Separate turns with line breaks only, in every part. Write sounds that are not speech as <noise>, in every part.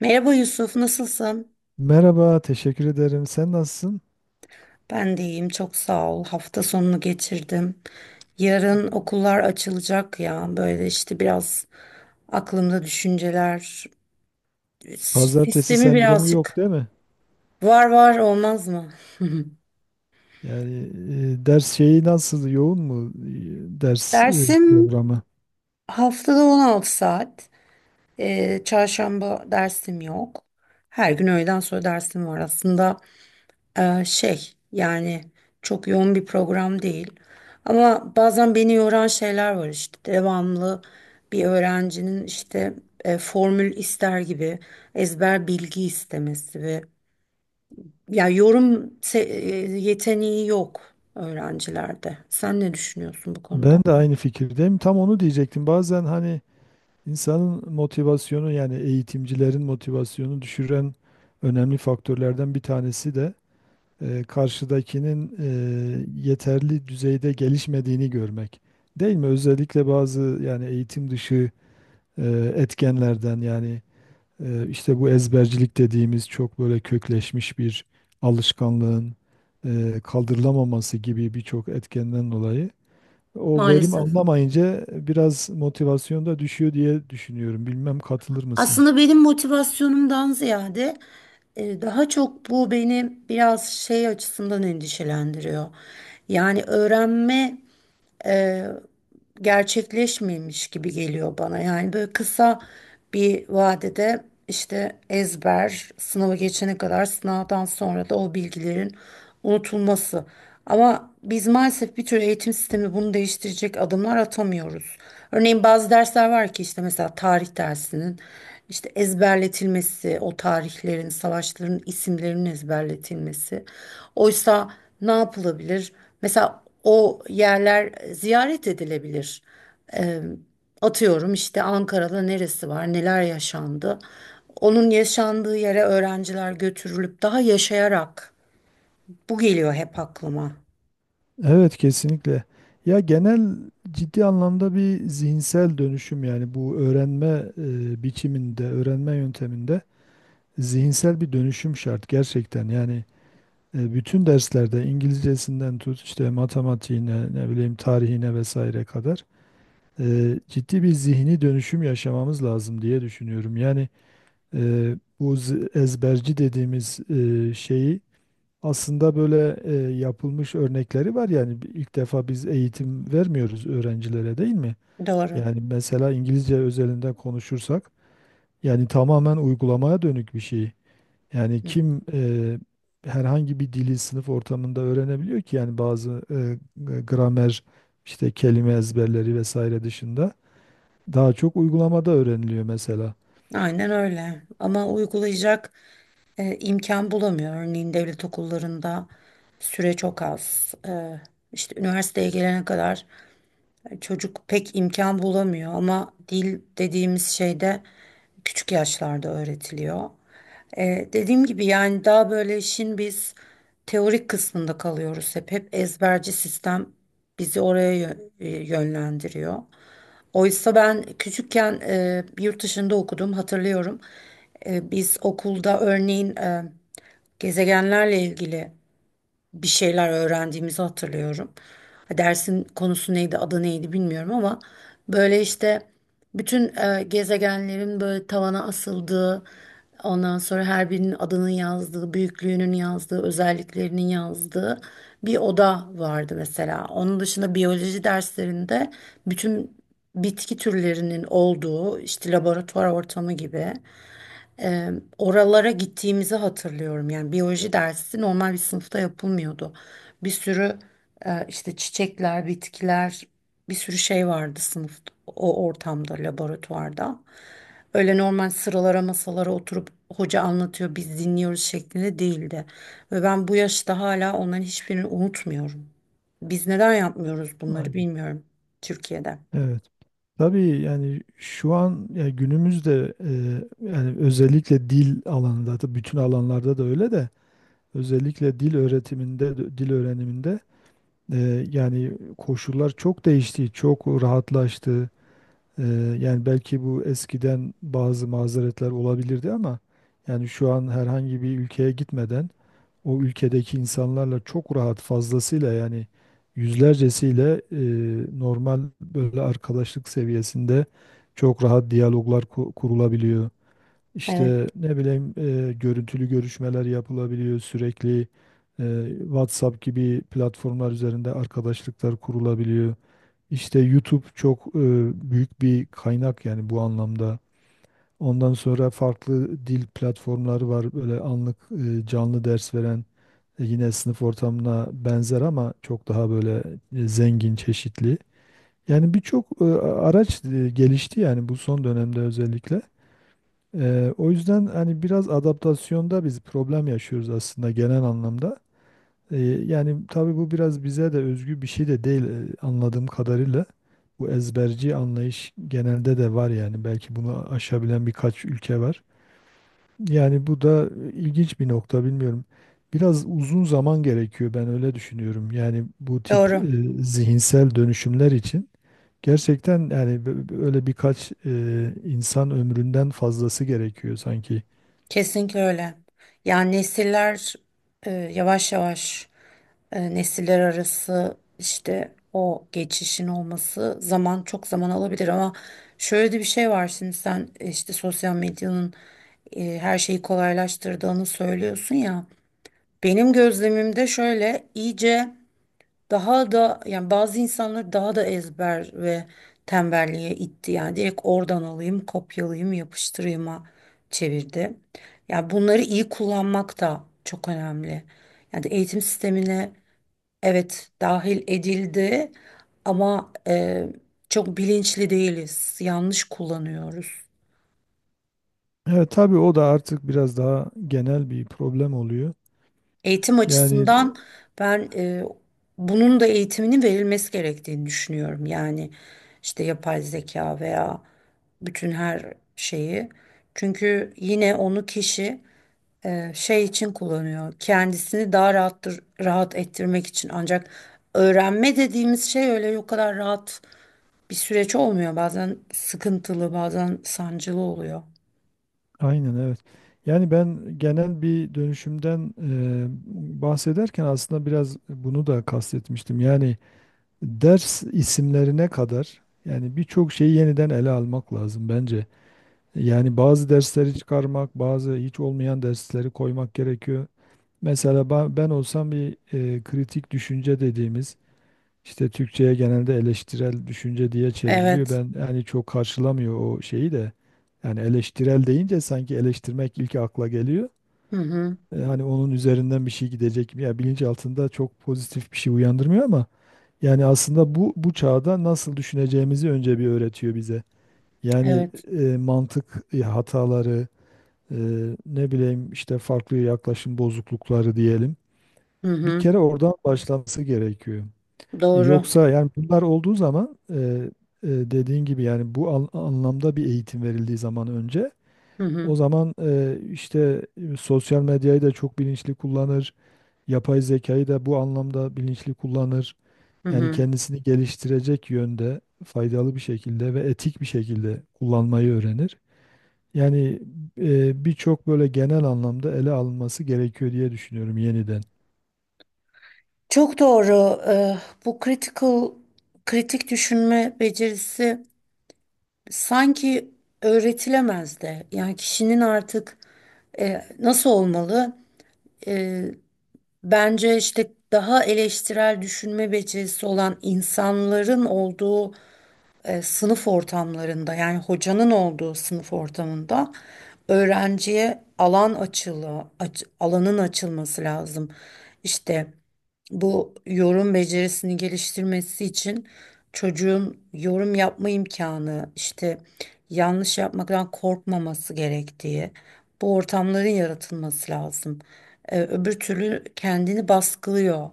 Merhaba Yusuf, nasılsın?
Merhaba, teşekkür ederim. Sen nasılsın?
Ben de iyiyim, çok sağ ol. Hafta sonunu geçirdim. Yarın okullar açılacak ya. Böyle işte biraz aklımda düşünceler.
Pazartesi
Sistemi
sendromu yok
birazcık
değil mi?
var var olmaz mı? <laughs>
Yani ders şeyi nasıl, yoğun mu ders
Dersim
programı?
haftada 16 saat. Çarşamba dersim yok. Her gün öğleden sonra dersim var aslında. Şey yani çok yoğun bir program değil. Ama bazen beni yoran şeyler var işte devamlı bir öğrencinin işte formül ister gibi ezber bilgi istemesi ve ya yorum yeteneği yok öğrencilerde. Sen ne düşünüyorsun bu konuda?
Ben de aynı fikirdeyim. Tam onu diyecektim. Bazen hani insanın motivasyonu, yani eğitimcilerin motivasyonu düşüren önemli faktörlerden bir tanesi de karşıdakinin yeterli düzeyde gelişmediğini görmek. Değil mi? Özellikle bazı yani eğitim dışı etkenlerden yani işte bu ezbercilik dediğimiz çok böyle kökleşmiş bir alışkanlığın kaldırılamaması gibi birçok etkenden dolayı o verim
Maalesef.
alınamayınca biraz motivasyon da düşüyor diye düşünüyorum. Bilmem katılır mısın?
Aslında benim motivasyonumdan ziyade daha çok bu beni biraz şey açısından endişelendiriyor. Yani öğrenme e, gerçekleşmemiş gibi geliyor bana. Yani böyle kısa bir vadede işte ezber, sınava geçene kadar sınavdan sonra da o bilgilerin unutulması. Ama biz maalesef bir tür eğitim sistemi bunu değiştirecek adımlar atamıyoruz. Örneğin bazı dersler var ki işte mesela tarih dersinin işte ezberletilmesi, o tarihlerin, savaşların isimlerinin ezberletilmesi. Oysa ne yapılabilir? Mesela o yerler ziyaret edilebilir. Ee, Atıyorum işte Ankara'da neresi var, neler yaşandı. Onun yaşandığı yere öğrenciler götürülüp daha yaşayarak. Bu geliyor hep aklıma.
Evet, kesinlikle. Ya genel ciddi anlamda bir zihinsel dönüşüm, yani bu öğrenme biçiminde, öğrenme yönteminde zihinsel bir dönüşüm şart gerçekten. Yani bütün derslerde İngilizcesinden tut, işte matematiğine, ne bileyim tarihine vesaire kadar ciddi bir zihni dönüşüm yaşamamız lazım diye düşünüyorum. Yani bu ezberci dediğimiz şeyi aslında böyle yapılmış örnekleri var. Yani ilk defa biz eğitim vermiyoruz öğrencilere, değil mi?
Doğru.
Yani mesela İngilizce özelinde konuşursak, yani tamamen uygulamaya dönük bir şey. Yani
Hı.
kim herhangi bir dili sınıf ortamında öğrenebiliyor ki? Yani bazı gramer, işte kelime ezberleri vesaire dışında daha çok uygulamada öğreniliyor mesela.
Aynen öyle. Ama uygulayacak imkan bulamıyor. Örneğin devlet okullarında süre çok az. İşte üniversiteye gelene kadar çocuk pek imkan bulamıyor ama dil dediğimiz şey de küçük yaşlarda öğretiliyor. Dediğim gibi yani daha böyle işin biz teorik kısmında kalıyoruz hep. Hep ezberci sistem bizi oraya yönlendiriyor. Oysa ben küçükken yurt dışında okudum hatırlıyorum. Biz okulda örneğin gezegenlerle ilgili bir şeyler öğrendiğimizi hatırlıyorum. Ha, dersin konusu neydi, adı neydi bilmiyorum ama böyle işte bütün gezegenlerin böyle tavana asıldığı, ondan sonra her birinin adının yazdığı, büyüklüğünün yazdığı, özelliklerinin yazdığı bir oda vardı mesela. Onun dışında biyoloji derslerinde bütün bitki türlerinin olduğu işte laboratuvar ortamı gibi e, oralara gittiğimizi hatırlıyorum. Yani biyoloji dersi normal bir sınıfta yapılmıyordu. Bir sürü işte çiçekler, bitkiler, bir sürü şey vardı sınıfta, o ortamda, laboratuvarda. Öyle normal sıralara masalara oturup hoca anlatıyor, biz dinliyoruz şeklinde değildi. Ve ben bu yaşta hala onların hiçbirini unutmuyorum. Biz neden yapmıyoruz bunları
Aynen.
bilmiyorum Türkiye'de.
Evet. Tabii, yani şu an, yani günümüzde yani özellikle dil alanında da, bütün alanlarda da öyle, de özellikle dil öğretiminde, dil öğreniminde e, yani koşullar çok değişti, çok rahatlaştı. Ee, yani belki bu eskiden bazı mazeretler olabilirdi ama yani şu an herhangi bir ülkeye gitmeden o ülkedeki insanlarla çok rahat, fazlasıyla, yani yüzlercesiyle normal böyle arkadaşlık seviyesinde çok rahat diyaloglar kurulabiliyor.
Evet.
İşte ne bileyim görüntülü görüşmeler yapılabiliyor sürekli, WhatsApp gibi platformlar üzerinde arkadaşlıklar kurulabiliyor. İşte YouTube çok büyük bir kaynak yani bu anlamda. Ondan sonra farklı dil platformları var. Böyle anlık canlı ders veren, yine sınıf ortamına benzer ama çok daha böyle zengin, çeşitli. Yani birçok araç gelişti yani bu son dönemde özellikle. O yüzden hani biraz adaptasyonda biz problem yaşıyoruz aslında, genel anlamda. E, yani tabii bu biraz bize de özgü bir şey de değil anladığım kadarıyla. Bu ezberci anlayış genelde de var yani. Belki bunu aşabilen birkaç ülke var. Yani bu da ilginç bir nokta, bilmiyorum. Biraz uzun zaman gerekiyor, ben öyle düşünüyorum. Yani bu tip
Doğru.
zihinsel dönüşümler için gerçekten, yani öyle birkaç insan ömründen fazlası gerekiyor sanki.
Kesinlikle öyle. Yani nesiller yavaş yavaş nesiller arası işte o geçişin olması zaman çok zaman alabilir ama şöyle de bir şey var şimdi sen işte sosyal medyanın her şeyi kolaylaştırdığını söylüyorsun ya. Benim gözlemimde şöyle iyice daha da yani bazı insanlar daha da ezber ve tembelliğe itti. Yani direkt oradan alayım, kopyalayayım, yapıştırayım'a çevirdi. Yani bunları iyi kullanmak da çok önemli. Yani eğitim sistemine evet dahil edildi ama çok bilinçli değiliz. Yanlış kullanıyoruz.
Evet, tabii o da artık biraz daha genel bir problem oluyor.
Eğitim
Yani
açısından ben bunun da eğitiminin verilmesi gerektiğini düşünüyorum. Yani işte yapay zeka veya bütün her şeyi. Çünkü yine onu kişi şey için kullanıyor. Kendisini daha rahat rahat ettirmek için. Ancak öğrenme dediğimiz şey öyle o kadar rahat bir süreç olmuyor. Bazen sıkıntılı, bazen sancılı oluyor.
aynen, evet. Yani ben genel bir dönüşümden bahsederken aslında biraz bunu da kastetmiştim. Yani ders isimlerine kadar, yani birçok şeyi yeniden ele almak lazım bence. Yani bazı dersleri çıkarmak, bazı hiç olmayan dersleri koymak gerekiyor. Mesela ben olsam bir kritik düşünce dediğimiz, işte Türkçe'ye genelde eleştirel düşünce diye çevriliyor.
Evet.
Ben, yani çok karşılamıyor o şeyi de. Yani eleştirel deyince sanki eleştirmek ilk akla geliyor.
Hı hı.
Hani onun üzerinden bir şey gidecek mi? Ya, bilinç altında çok pozitif bir şey uyandırmıyor ama yani aslında bu çağda nasıl düşüneceğimizi önce bir öğretiyor bize. Yani
Evet.
mantık hataları, e, ne bileyim işte farklı yaklaşım bozuklukları diyelim.
Hı
Bir
hı.
kere oradan başlaması gerekiyor.
Doğru.
Yoksa yani bunlar olduğu zaman, dediğin gibi yani bu anlamda bir eğitim verildiği zaman önce,
Hı hı.
o zaman işte sosyal medyayı da çok bilinçli kullanır, yapay zekayı da bu anlamda bilinçli kullanır.
Hı
Yani
hı.
kendisini geliştirecek yönde, faydalı bir şekilde ve etik bir şekilde kullanmayı öğrenir. Yani birçok böyle genel anlamda ele alınması gerekiyor diye düşünüyorum, yeniden.
Çok doğru. Bu critical, kritik düşünme becerisi sanki öğretilemez de. Yani kişinin artık nasıl olmalı? E, Bence işte daha eleştirel düşünme becerisi olan insanların olduğu sınıf ortamlarında, yani hocanın olduğu sınıf ortamında öğrenciye alanın açılması lazım. İşte bu yorum becerisini geliştirmesi için çocuğun yorum yapma imkanı, işte yanlış yapmaktan korkmaması gerektiği, bu ortamların yaratılması lazım. Öbür türlü kendini baskılıyor.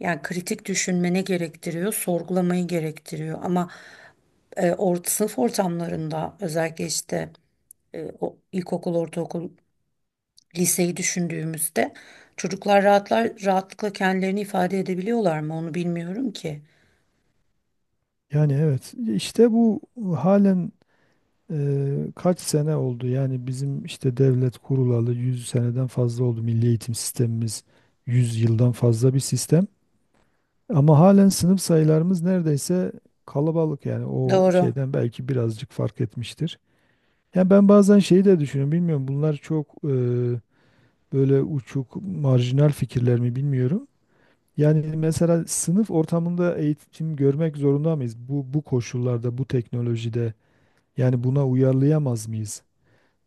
Yani kritik düşünmene gerektiriyor, sorgulamayı gerektiriyor. Ama sınıf ortamlarında özellikle işte o ilkokul, ortaokul liseyi düşündüğümüzde çocuklar rahatlıkla kendilerini ifade edebiliyorlar mı onu bilmiyorum ki.
Yani evet, işte bu halen... kaç sene oldu? Yani bizim işte devlet kurulalı 100 seneden fazla oldu. Milli eğitim sistemimiz 100 yıldan fazla bir sistem. Ama halen sınıf sayılarımız neredeyse kalabalık, yani o
Doğru.
şeyden belki birazcık fark etmiştir. Yani ben bazen şeyi de düşünüyorum, bilmiyorum, bunlar çok böyle uçuk, marjinal fikirler mi bilmiyorum. Yani mesela sınıf ortamında eğitim görmek zorunda mıyız? bu koşullarda, bu teknolojide, yani buna uyarlayamaz mıyız?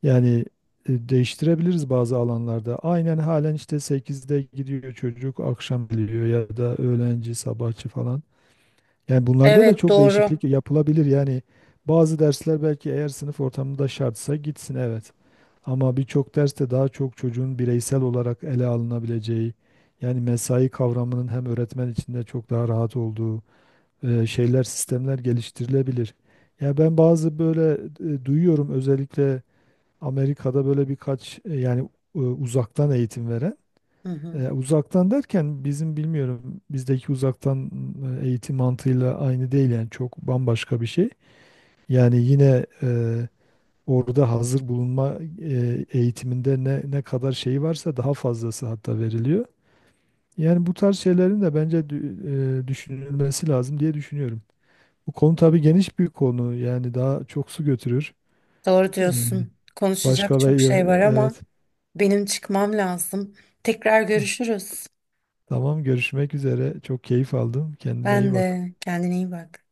Yani değiştirebiliriz bazı alanlarda. Aynen, halen işte 8'de gidiyor çocuk, akşam geliyor, ya da öğlenci, sabahçı falan. Yani bunlarda da
Evet
çok
doğru.
değişiklik yapılabilir. Yani bazı dersler belki, eğer sınıf ortamında şartsa, gitsin, evet. Ama birçok derste daha çok çocuğun bireysel olarak ele alınabileceği, yani mesai kavramının hem öğretmen içinde çok daha rahat olduğu şeyler, sistemler geliştirilebilir. Ya ben bazı böyle duyuyorum özellikle Amerika'da, böyle birkaç yani uzaktan eğitim veren,
Hı hı.
uzaktan derken bizim, bilmiyorum, bizdeki uzaktan eğitim mantığıyla aynı değil yani, çok bambaşka bir şey. Yani yine orada hazır bulunma eğitiminde ne kadar şey varsa, daha fazlası hatta veriliyor. Yani bu tarz şeylerin de bence düşünülmesi lazım diye düşünüyorum. Bu konu tabii geniş bir konu, yani daha çok su götürür.
Doğru
E,
diyorsun. Konuşacak
Başka, ve
çok şey var ama
evet.
benim çıkmam lazım. Tekrar
Tamam.
görüşürüz.
Tamam, görüşmek üzere. Çok keyif aldım. Kendine iyi
Ben
bak.
de kendine iyi bak.